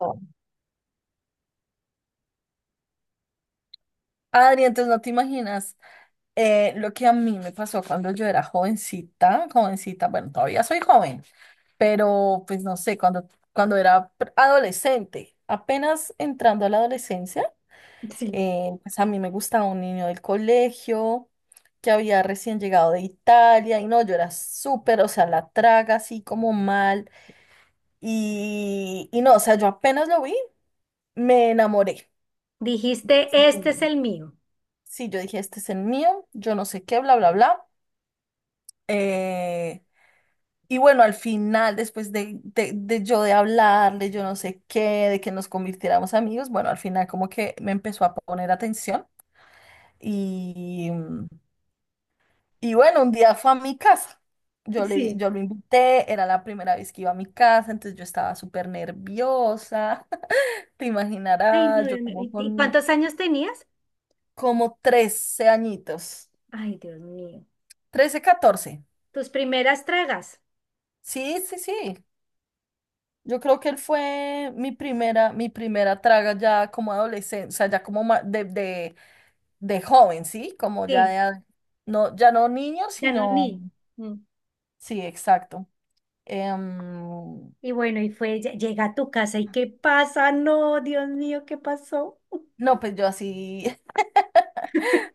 Oh. Adri, entonces no te imaginas lo que a mí me pasó cuando yo era jovencita, jovencita, bueno, todavía soy joven, pero pues no sé, cuando era adolescente, apenas entrando a la adolescencia. Sí. Pues a mí me gustaba un niño del colegio que había recién llegado de Italia y no, yo era súper, o sea, la traga así como mal y, no, o sea, yo apenas lo vi, me enamoré. Dijiste, este es el mío. Sí, yo dije, este es el mío, yo no sé qué, bla, bla, bla. Eh, y bueno, al final, después de yo de hablarle, yo no sé qué, de que nos convirtiéramos amigos, bueno, al final como que me empezó a poner atención y, y bueno, un día fue a mi casa. Yo le, yo Sí. lo invité, era la primera vez que iba a mi casa, entonces yo estaba súper nerviosa. Te Ay, no, imaginarás, yo Dios mío. como ¿Y con cuántos años tenías? como 13 añitos, Ay, Dios mío. 13 catorce. Tus primeras tragas. Sí, sí, sí. Yo creo que él fue mi primera traga ya como adolescente, o sea, ya como de joven, ¿sí? Como ya Sí. de, no, ya no niño, Ya no sino, ni. Mm. sí, exacto. Em, Y bueno, llega a tu casa y ¿qué pasa? No, Dios mío, ¿qué pasó? no, pues yo así.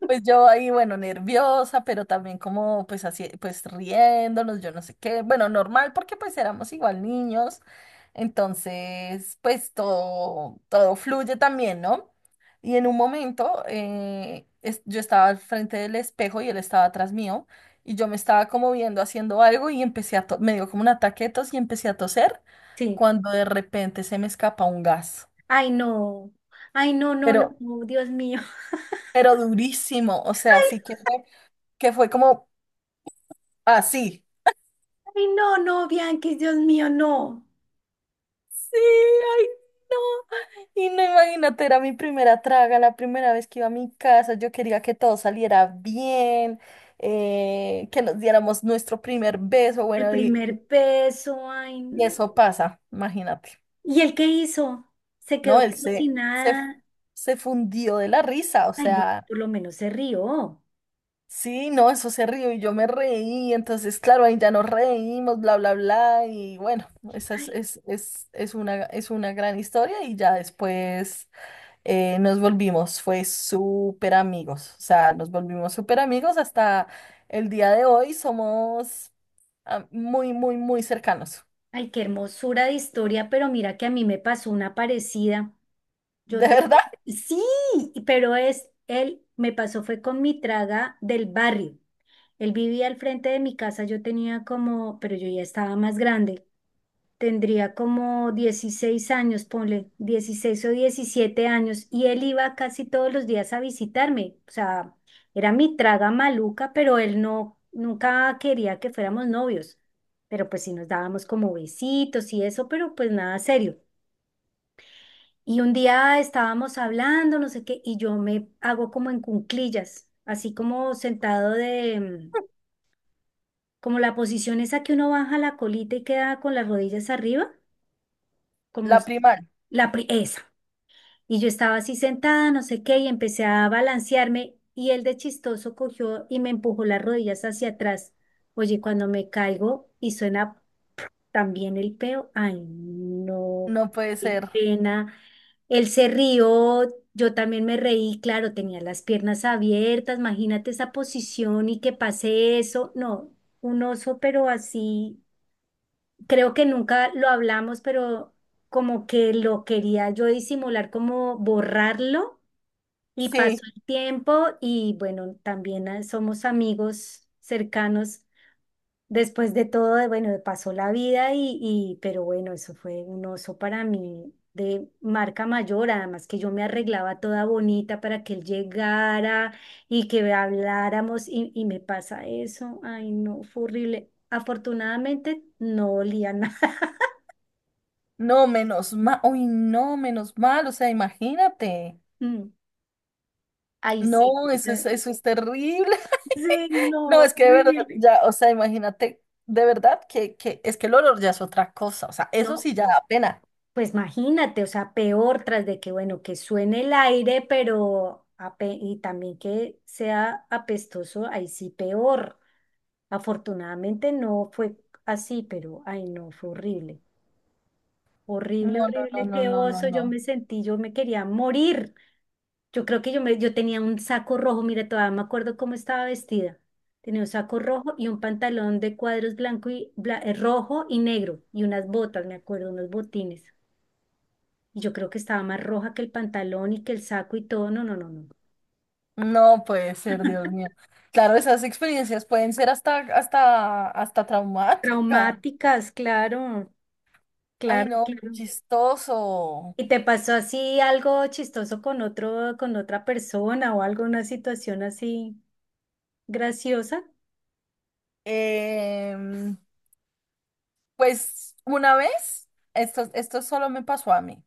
Pues yo ahí, bueno, nerviosa, pero también como pues así, pues riéndonos, yo no sé qué, bueno, normal porque pues éramos igual niños, entonces pues todo, todo fluye también, ¿no? Y en un momento yo estaba al frente del espejo y él estaba atrás mío y yo me estaba como viendo haciendo algo y empecé me dio como un ataque de tos y empecé a toser Sí. cuando de repente se me escapa un gas, Ay, no. Ay, no, no, pero, no, Dios mío. pero durísimo, o sea, sí que fue como así. Ay, no, no, Bianquis, Dios mío, no. Sí, ay, no. Y no, imagínate, era mi primera traga, la primera vez que iba a mi casa. Yo quería que todo saliera bien, que nos diéramos nuestro primer beso. El Bueno, primer beso, ay, y no. eso pasa, imagínate. ¿Y él qué hizo? Se No, quedó él como si nada. se fundió de la risa, o Ay, bueno, sea, por lo menos se rió. sí, no, eso se rió y yo me reí. Entonces, claro, ahí ya nos reímos, bla, bla, bla. Y bueno, esa Ay, es una gran historia y ya después. Nos volvimos, fue súper amigos, o sea, nos volvimos súper amigos hasta el día de hoy, somos muy, muy, muy cercanos. ay, qué hermosura de historia, pero mira que a mí me pasó una parecida. Yo De te... verdad, Sí, pero es, él me pasó fue con mi traga del barrio. Él vivía al frente de mi casa, yo tenía como, pero yo ya estaba más grande. Tendría como 16 años, ponle 16 o 17 años, y él iba casi todos los días a visitarme. O sea, era mi traga maluca, pero él no, nunca quería que fuéramos novios. Pero pues sí nos dábamos como besitos y eso, pero pues nada serio. Y un día estábamos hablando, no sé qué, y yo me hago como en cunclillas, así como sentado de, como la posición esa que uno baja la colita y queda con las rodillas arriba, como la s- primaria, la pri- esa. Y yo estaba así sentada, no sé qué, y empecé a balancearme y él de chistoso cogió y me empujó las rodillas hacia atrás. Oye, cuando me caigo y suena también el peo, ay, no, no puede qué ser. pena. Él se rió, yo también me reí, claro, tenía las piernas abiertas, imagínate esa posición y que pase eso. No, un oso, pero así, creo que nunca lo hablamos, pero como que lo quería yo disimular, como borrarlo y pasó Sí, el tiempo y bueno, también somos amigos cercanos. Después de todo, de- bueno, pasó la vida y pero bueno, eso fue un oso para mí de marca mayor, además que yo me arreglaba toda bonita para que él llegara y que habláramos y me pasa eso. Ay, no, fue horrible. Afortunadamente no olía nada. no, menos mal, uy, no, menos mal, o sea, imagínate. Mm. Ay, sí, No, o sea, eso es terrible. sí, no, No, es que de verdad, horrible. ya, o sea, imagínate, de verdad que es que el olor ya es otra cosa, o sea, eso No, sí ya da pena. pues imagínate, o sea, peor tras de que, bueno, que suene el aire, pero ape- y también que sea apestoso, ahí sí peor. Afortunadamente no fue así, pero ay no, fue horrible. No, Horrible, no, horrible, no, no, qué no, no, oso, yo no. me sentí, yo me quería morir. Yo creo que yo me, yo tenía un saco rojo, mira, todavía me acuerdo cómo estaba vestida. Tenía un saco rojo y un pantalón de cuadros blanco y rojo y negro y unas botas, me acuerdo, unos botines. Y yo creo que estaba más roja que el pantalón y que el saco y todo. No, no, no, no. No puede ser, Dios mío. Claro, esas experiencias pueden ser hasta, hasta, hasta traumáticas. Traumáticas, claro, Ay, claro, no, claro. chistoso. ¿Y te pasó así algo chistoso con otro, con otra persona o algo, una situación así graciosa? Em, pues una vez, esto solo me pasó a mí.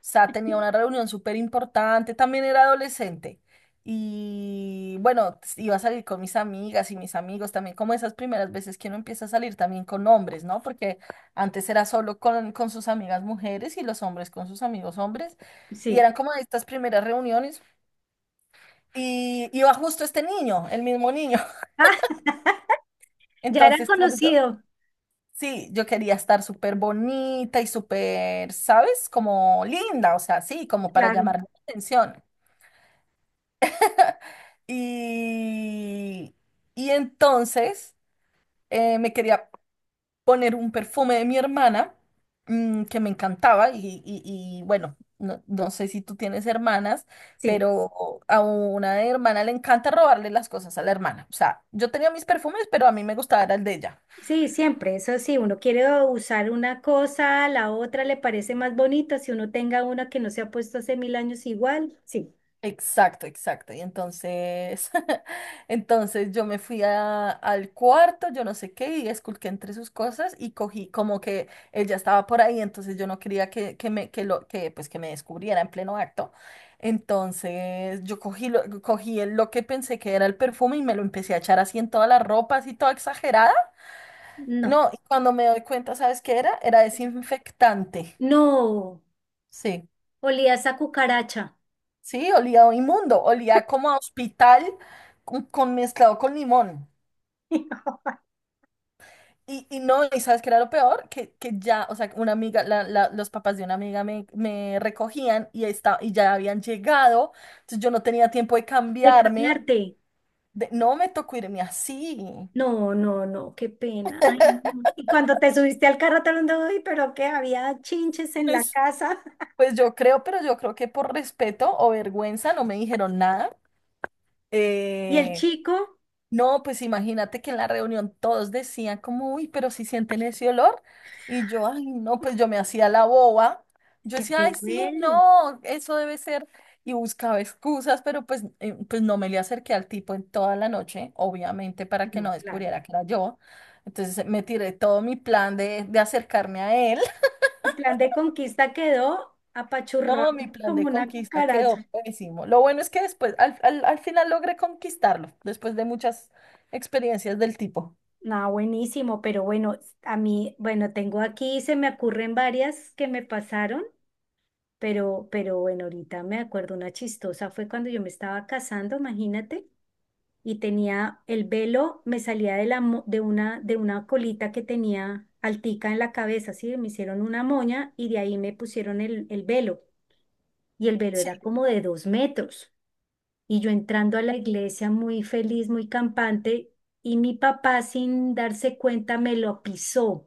Sea, tenía una reunión súper importante, también era adolescente. Y bueno, iba a salir con mis amigas y mis amigos también, como esas primeras veces que uno empieza a salir también con hombres, ¿no? Porque antes era solo con sus amigas mujeres y los hombres con sus amigos hombres. Y Sí. eran como estas primeras reuniones. Y iba justo este niño, el mismo niño. Ah, ya era Entonces, claro, yo, conocido, sí, yo quería estar súper bonita y súper, ¿sabes? Como linda, o sea, sí, como para claro. llamar la atención. Y, y entonces me quería poner un perfume de mi hermana que me encantaba y, bueno, no, no sé si tú tienes hermanas, Sí, pero a una hermana le encanta robarle las cosas a la hermana. O sea, yo tenía mis perfumes, pero a mí me gustaba era el de ella. sí, siempre. Eso sí, uno quiere usar una cosa, la otra le parece más bonita. Si uno tenga una que no se ha puesto hace mil años igual, sí. Exacto, exacto. Y entonces, entonces yo me fui al cuarto, yo no sé qué, y esculqué entre sus cosas y cogí como que ella estaba por ahí, entonces yo no quería que me, que lo, que, pues, que me descubriera en pleno acto. Entonces yo cogí lo que pensé que era el perfume y me lo empecé a echar así en toda la ropa, así toda exagerada. No. No, y cuando me doy cuenta, ¿sabes qué era? Era desinfectante. No, Sí. olía esa cucaracha. Sí, olía inmundo, olía como a hospital con, mezclado con limón. Y no, ¿y sabes qué era lo peor? Que ya, o sea, una amiga, los papás de una amiga me recogían y, y ya habían llegado, entonces yo no tenía tiempo de De cambiarme. cambiarte. No me tocó irme así. No, no, no, qué pena. Ay, no. Y cuando te subiste al carro te lo ando hoy, pero que había chinches en la Pues, casa pues yo creo, pero yo creo que por respeto o vergüenza no me dijeron nada. y el Eh, chico No, pues imagínate que en la reunión todos decían como, uy, pero si sienten ese olor. Y yo, ay, no, pues yo me hacía la boba. Yo ya que decía, ay, te sí, huele. no, eso debe ser. Y buscaba excusas, pero pues, pues no me le acerqué al tipo en toda la noche, obviamente, para que No, no claro. descubriera que era yo. Entonces me tiré todo mi plan de acercarme a él. Tu plan de conquista quedó No, apachurrado mi plan como de una conquista cucaracha. quedó pésimo. Lo bueno es que después, al final logré conquistarlo, después de muchas experiencias del tipo. No, buenísimo, pero bueno, a mí, bueno, tengo aquí, se me ocurren varias que me pasaron, pero bueno, ahorita me acuerdo una chistosa, fue cuando yo me estaba casando, imagínate. Y tenía el velo, me salía de, la, mo- de una colita que tenía altica en la cabeza, ¿sí? Me hicieron una moña y de ahí me pusieron el velo. Y el velo era Sí. como de 2 metros. Y yo entrando a la iglesia muy feliz, muy campante, y mi papá sin darse cuenta me lo pisó,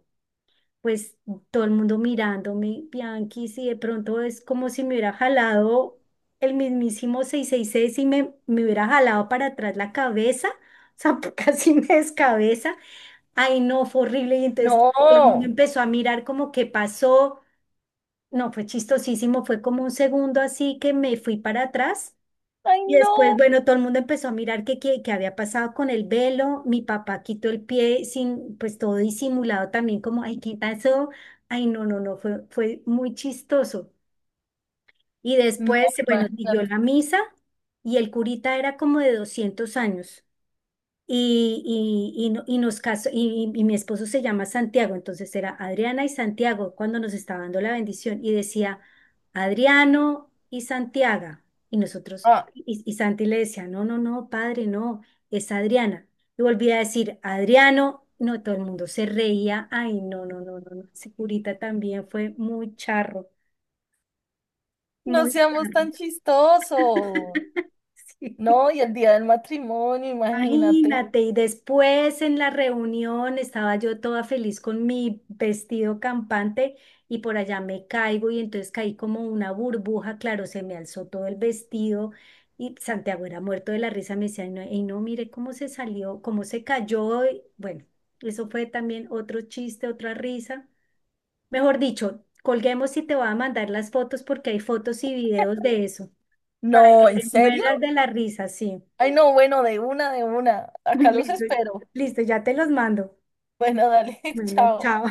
pues todo el mundo mirándome, Bianchi, si de pronto es como si me hubiera jalado el mismísimo 666 y me hubiera jalado para atrás la cabeza, o sea, casi me descabeza. Ay, no, fue horrible. Y entonces No, todo el mundo empezó a mirar como qué pasó. No, fue chistosísimo, fue como un segundo así que me fui para atrás ay, y después, no, bueno, todo el mundo empezó a mirar qué había pasado con el velo. Mi papá quitó el pie sin, pues todo disimulado también, como, ay, ¿qué pasó? Ay, no, no, no, fue muy chistoso. Y no, después, bueno, siguió imagínate. la misa y el curita era como de 200 años. Y, y, no- y nos casó, y mi esposo se llama Santiago, entonces era Adriana y Santiago cuando nos estaba dando la bendición y decía Adriano y Santiago. Y nosotros, Ah, y Santi le decía, no, no, no, padre, no, es Adriana. Y volvía a decir Adriano, no, todo el mundo se reía, ay, no, no, no, no, no, ese curita también fue muy charro, no muy seamos charro. tan chistosos. Sí. No, y el día del matrimonio, imagínate. Imagínate, y después en la reunión estaba yo toda feliz con mi vestido campante y por allá me caigo y entonces caí como una burbuja, claro, se me alzó todo el vestido y Santiago era muerto de la risa, me decía, no, y no, mire cómo se salió, cómo se cayó, y bueno, eso fue también otro chiste, otra risa. Mejor dicho, colguemos y te voy a mandar las fotos porque hay fotos y videos de eso, para que No, ¿en le serio? mueras de la risa, sí. Ay, no, bueno, de una, de una. Acá los Listo, espero. listo, ya te los mando. Bueno, dale, Bueno, chao. chao.